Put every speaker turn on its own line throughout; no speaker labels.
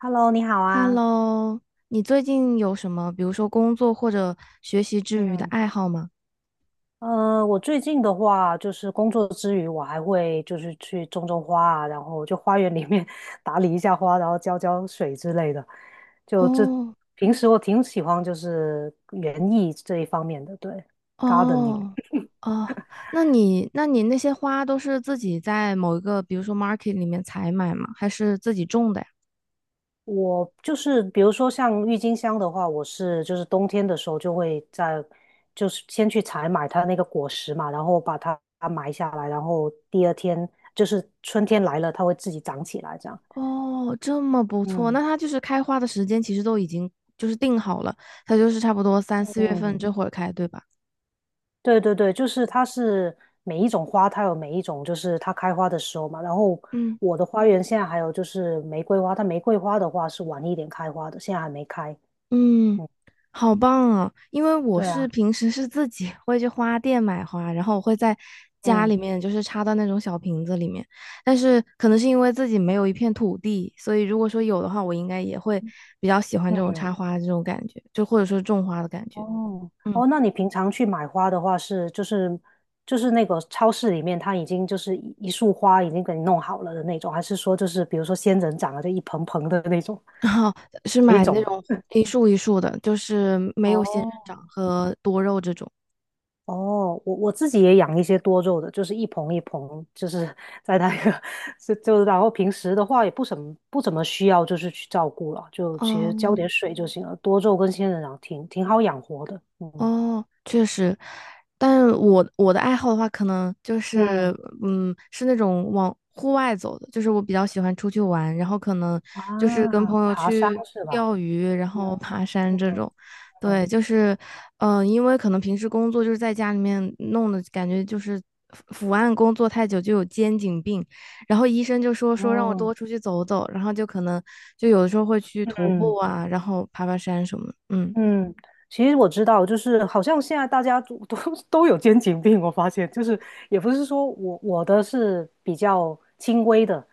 Hello，你好啊。
Hello，你最近有什么，比如说工作或者学习之余的
嗯，
爱好吗？
我最近的话，就是工作之余，我还会就是去种种花啊，然后就花园里面 打理一下花，然后浇浇水之类的。就这，
哦
平时我挺喜欢就是园艺这一方面的，对，gardening。
哦哦，那你那些花都是自己在某一个，比如说 market 里面采买吗？还是自己种的呀？
我就是比如说像郁金香的话，我是就是冬天的时候就会在，就是先去采买它那个果实嘛，然后把它埋下来，然后第二天就是春天来了，它会自己长起来这样。
哦，这么不错，
嗯
那它就是开花的时间其实都已经就是定好了，它就是差不多三四月份
嗯，
这会儿开，对吧？
对对对，就是它是每一种花，它有每一种就是它开花的时候嘛。然后
嗯。
我的花园现在还有就是玫瑰花，它玫瑰花的话是晚一点开花的，现在还没开。
嗯，
嗯，
好棒啊！因为我
对
是
啊，
平时是自己会去花店买花，然后我会在家
嗯
里面就是插到那种小瓶子里面，但是可能是因为自己没有一片土地，所以如果说有的话，我应该也会比较喜欢这种
嗯。
插花的这种感觉，就或者说种花的感觉。
哦
嗯，
哦，那你平常去买花的话是就是那个超市里面它已经就是一束花已经给你弄好了的那种，还是说就是比如说仙人掌啊，就一盆盆的那种
然后是
哪一
买那
种？
种一束一束的，就是没有仙人
哦
掌和多肉这种。
哦，我自己也养一些多肉的，就是一盆一盆，就是 在那个 然后平时的话也不怎么需要就是去照顾了，就其实浇
哦，
点水就行了。多肉跟仙人掌挺好养活的，嗯
哦，确实，但是我的爱好的话，可能就
嗯。
是，嗯，是那种往户外走的，就是我比较喜欢出去玩，然后可能就是跟
啊，
朋友
爬山
去
是吧？
钓鱼，然
嗯
后爬山这
嗯，
种。
嗯，
对，就是，嗯、因为可能平时工作就是在家里面弄的，感觉就是伏案工作太久就有肩颈病，然后医生就说让我
哦，
多出去走走，然后就可能就有的时候会去徒步
嗯，
啊，然后爬爬山什么的。嗯，
嗯，其实我知道，就是好像现在大家都 都有肩颈病，我发现就是也不是说我的是比较轻微的，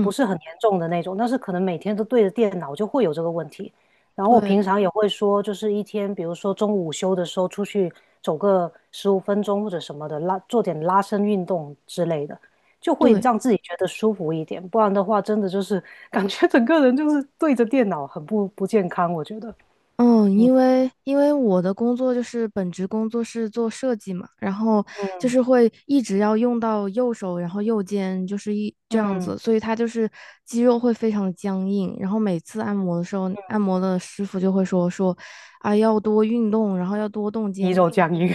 不是很严重的那种，但是可能每天都对着电脑就会有这个问题。然后我平
对。
常也会说，就是一天，比如说中午午休的时候出去走个15 分钟或者什么的，做点拉伸运动之类的，就会
对，
让自己觉得舒服一点。不然的话，真的就是 感觉整个人就是对着电脑，很不健康，我觉得。
嗯，因为因为我的工作就是本职工作是做设计嘛，然后就
嗯。
是会一直要用到右手，然后右肩就是一这样
嗯，
子，所以它就是肌肉会非常的僵硬。然后每次按摩的时候，按摩的师傅就会说啊要多运动，然后要多动肩
鱼肉
颈。
酱鱼，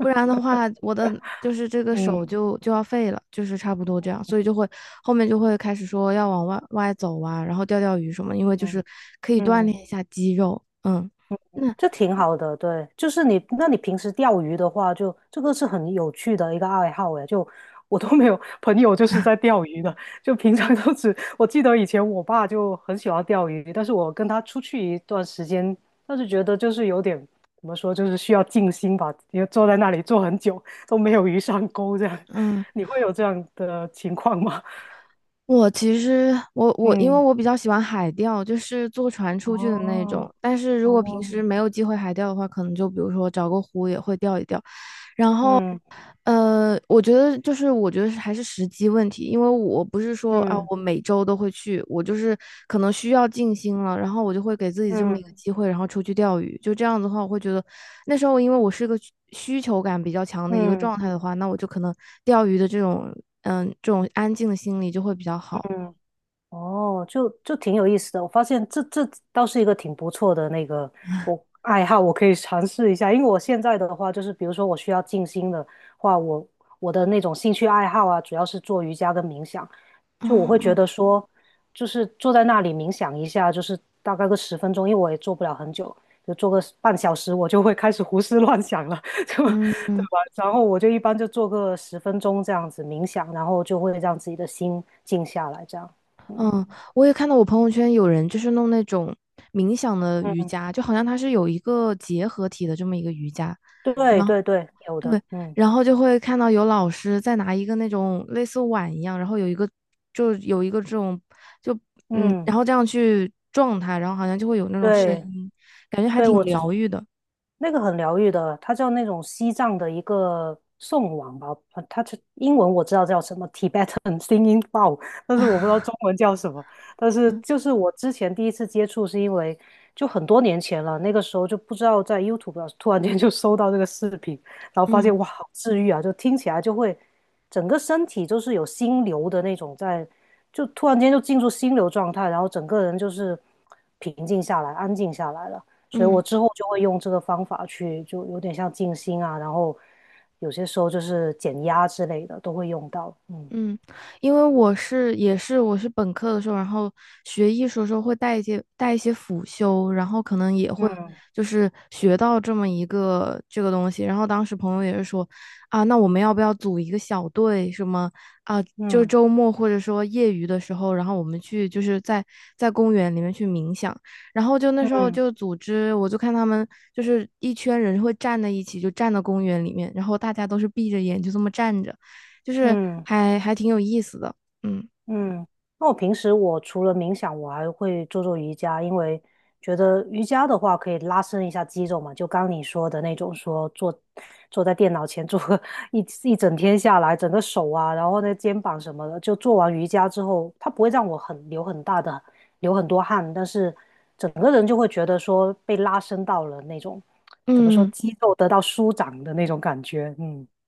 不 然的话，我的就是这个手
嗯
就要废了，就是差不多这样，所以就会后面就会开始说要往外走啊，然后钓钓鱼什么，因为就
嗯
是可以锻
嗯，
炼一下肌肉。嗯，那
这挺好的，对，就是你，那你平时钓鱼的话就，这个是很有趣的一个爱好诶，就我都没有朋友就是在钓鱼的，就平常都只，我记得以前我爸就很喜欢钓鱼，但是我跟他出去一段时间，但是觉得就是有点怎么说，就是需要静心吧，因为坐在那里坐很久都没有鱼上钩这样，
嗯，
你会有这样的情况吗？
我其实我 我因为
嗯，
我比较喜欢海钓，就是坐船出去的那种，
哦
但是如果平时
哦。
没有机会海钓的话，可能就比如说找个湖也会钓一钓。然后。
嗯
我觉得就是，我觉得是还是时机问题，因为我不是说啊，
嗯
我每周都会去，我就是可能需要静心了，然后我就会给自己这么一个
嗯
机会，然后出去钓鱼。就这样子的话，我会觉得那时候因为我是个需求感比较强的一个
嗯
状态的话，那我就可能钓鱼的这种嗯这种安静的心理就会比较好。
嗯，哦，就挺有意思的。我发现这倒是一个挺不错的那个我爱好，我可以尝试一下。因为我现在的话，就是比如说我需要静心的话，我的那种兴趣爱好啊，主要是做瑜伽跟冥想。就我会觉
啊，
得说，就是坐在那里冥想一下，就是大概个十分钟，因为我也做不了很久，就做个半小时，我就会开始胡思乱想了，就对吧？
嗯嗯嗯，
然后我就一般就做个十分钟这样子冥想，然后就会让自己的心静下来，这样。
嗯，我也看到我朋友圈有人就是弄那种冥想的瑜伽，就好像它是有一个结合体的这么一个瑜伽。
对
然后。
对对，有的，
对，
嗯
然后就会看到有老师在拿一个那种类似碗一样，然后有一个就有一个这种就嗯，
嗯，
然后这样去撞它，然后好像就会有那种声
对，嗯，
音，感觉还
对，
挺疗愈的。
那个很疗愈的，它叫那种西藏的一个颂王吧，它是英文我知道叫什么 Tibetan Singing Bowl，但是我不知 道中文叫什么。但是就是我之前第一次接触是因为就很多年前了，那个时候就不知道在 YouTube 上突然间就搜到这个视频，然后发
嗯
现哇，好治愈啊，就听起来就会整个身体就是有心流的那种在，就突然间就进入心流状态，然后整个人就是平静下来、安静下来了。所以我
嗯。
之后就会用这个方法去，就有点像静心啊，然后有些时候就是减压之类的都会用到。嗯
嗯，因为我是也是我是本科的时候，然后学艺术的时候会带一些带一些辅修，然后可能也会就是学到这么一个这个东西。然后当时朋友也是说，啊，那我们要不要组一个小队什么啊？就
嗯
周末或者说业余的时候，然后我们去就是在在公园里面去冥想。然后就那时候
嗯
就组织，我就看他们就是一圈人会站在一起，就站到公园里面，然后大家都是闭着眼就这么站着。就是
嗯，
还挺有意思的。嗯
嗯，那我平时我除了冥想，我还会做做瑜伽，因为觉得瑜伽的话可以拉伸一下肌肉嘛，就刚你说的那种说坐在电脑前坐个 一整天下来，整个手啊，然后呢肩膀什么的，就做完瑜伽之后，它不会让我很流很大的流很多汗，但是整个人就会觉得说被拉伸到了那种怎么说
嗯
肌肉得到舒展的那种感觉，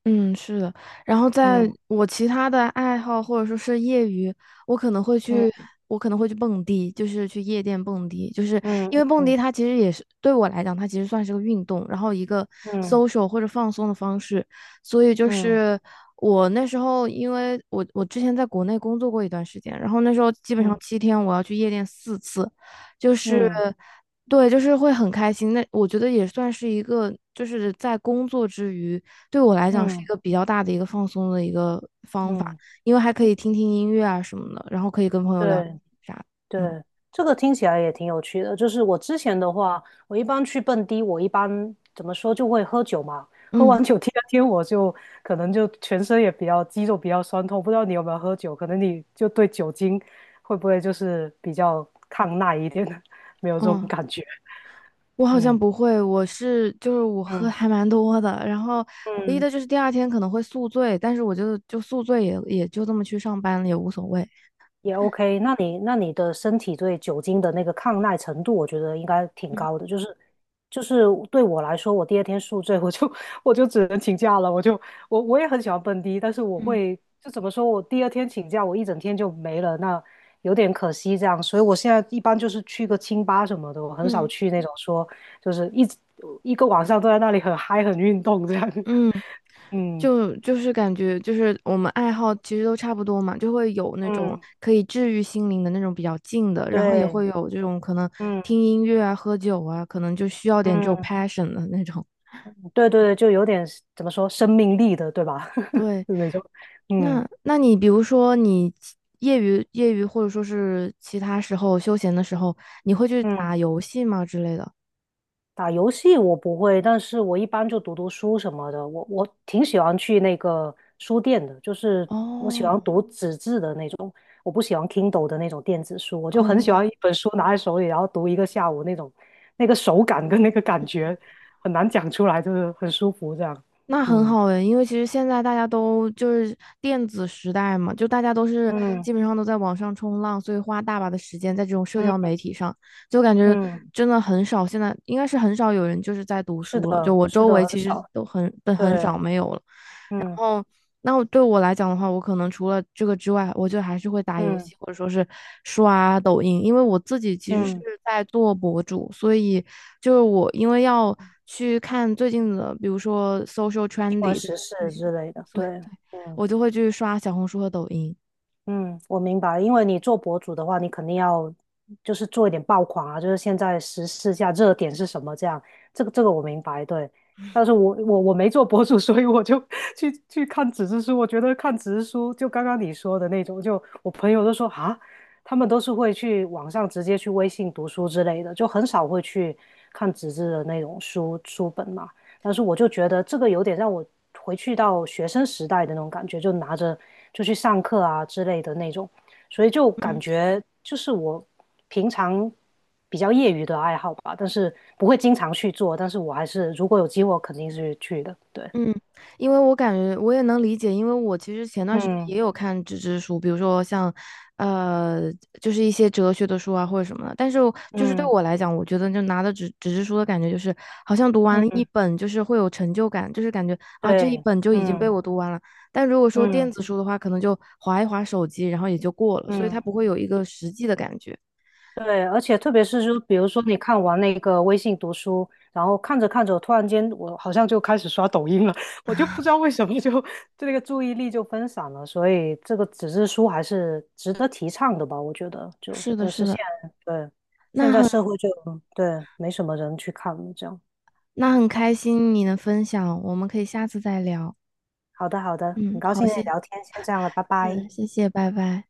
嗯，是的。然后在
嗯
我其他的爱好或者说是业余，我可能会去，
嗯
我可能会去蹦迪，就是去夜店蹦迪，就是
嗯
因为蹦迪
嗯
它其实也是对我来讲，它其实算是个运动，然后一个
嗯
social 或者放松的方式，所以就
嗯嗯
是。我那时候，因为我之前在国内工作过一段时间，然后那时候基本
嗯嗯。嗯
上
嗯
七天我要去夜店四次，就是
嗯
对，就是会很开心。那我觉得也算是一个，就是在工作之余，对我来讲是一
嗯
个比较大的一个放松的一个方法，
嗯，
因为还可以听听音乐啊什么的，然后可以跟朋友聊
对
啥的。
对，
嗯
这个听起来也挺有趣的。就是我之前的话，我一般去蹦迪，我一般怎么说就会喝酒嘛。喝
嗯
完酒第二天，我就可能就全身也比较肌肉比较酸痛。不知道你有没有喝酒？可能你就对酒精会不会就是比较抗耐一点，没有这种
嗯，
感觉。
我好像
嗯
不会，我是就是我喝
嗯
还蛮多的，然后唯一
嗯。
的就是第二天可能会宿醉，但是我就宿醉也也就这么去上班了，也无所谓。
也 OK，那你的身体对酒精的那个抗耐程度，我觉得应该挺
嗯
高的。就是对我来说，我第二天宿醉，我就 我就只能请假了。我就我我也很喜欢蹦迪，但是我
嗯
会就怎么说，我第二天请假，我一整天就没了，那有点可惜这样。所以我现在一般就是去个清吧什么的，我很少
嗯
去那种说就是一直一个晚上都在那里很嗨很运动这样。
嗯。
嗯
就是感觉就是我们爱好其实都差不多嘛，就会有那种
嗯，
可以治愈心灵的那种比较静的，然后也
对，
会有这种可能
嗯
听音乐啊、喝酒啊，可能就需要点这种
嗯。
passion 的那种。
对对对，就有点怎么说生命力的，对吧？
对，
那种，嗯
那你比如说你其业余业余或者说是其他时候休闲的时候，你会去
嗯，
打游戏吗之类的？
打游戏我不会，但是我一般就读读书什么的。我挺喜欢去那个书店的，就是我喜欢
哦
读纸质的那种，我不喜欢 Kindle 的那种电子书。我就很喜
哦，
欢一本书拿在手里，然后读一个下午那种，那个手感跟那个感觉很难讲出来，就是很舒服这样。
那很
嗯
好诶，因为其实现在大家都就是电子时代嘛，就大家都是
嗯
基本上都在网上冲浪，所以花大把的时间在这种社
嗯
交媒体上，就感觉
嗯，
真的很少。现在应该是很少有人就是在读
是
书了，就
的，
我
是
周
的，
围
很
其实
少，
都很很
对，
很少没有了。
嗯
哦，那我对我来讲的话，我可能除了这个之外，我就还是会打游
嗯。
戏，或者说是刷抖音，因为我自己其实是
嗯，
在做博主，所以就是我因为要去看最近的，比如说 social
或
trendy 的
时事
事情，
之类的，
所以
对，
对
嗯
我就会去刷小红书和抖音。
嗯，我明白，因为你做博主的话，你肯定要就是做一点爆款啊，就是现在时事下热点是什么这样，这个我明白，对。但是我没做博主，所以我就 去看纸质书，我觉得看纸质书就刚刚你说的那种，就我朋友都说啊，他们都是会去网上直接去微信读书之类的，就很少会去看纸质的那种书本嘛。但是我就觉得这个有点让我回去到学生时代的那种感觉，就拿着就去上课啊之类的那种，所以就感
嗯。
觉就是我平常比较业余的爱好吧，但是不会经常去做，但是我还是如果有机会，我肯定是去的。对，
嗯，因为我感觉我也能理解，因为我其实前段时间也
嗯
有看纸质书，比如说像，呃，就是一些哲学的书啊或者什么的。但是我就是对
嗯
我来讲，我觉得就拿的纸质书的感觉就是，好像读完了一
嗯，
本，就是会有成就感，就是感觉啊这一
对，
本就已经被
嗯
我读完了。但如果说电
嗯
子书的话，可能就划一划手机，然后也就过了，所以
嗯。
它不会有一个实际的感觉。
对，而且特别是就比如说你看完那个微信读书，然后看着看着，突然间我好像就开始刷抖音了，我就不知道为什么就这个注意力就分散了，所以这个纸质书还是值得提倡的吧，我觉得就，
是的，
但
是
是
的，
现在对现
那
在社
很
会就对没什么人去看了，这样。
那很开心你能分享，我们可以下次再聊。
好的，好的，很
嗯，
高
好，
兴跟
谢
你聊
谢。
天，先这样了，拜拜。
是，谢谢，拜拜。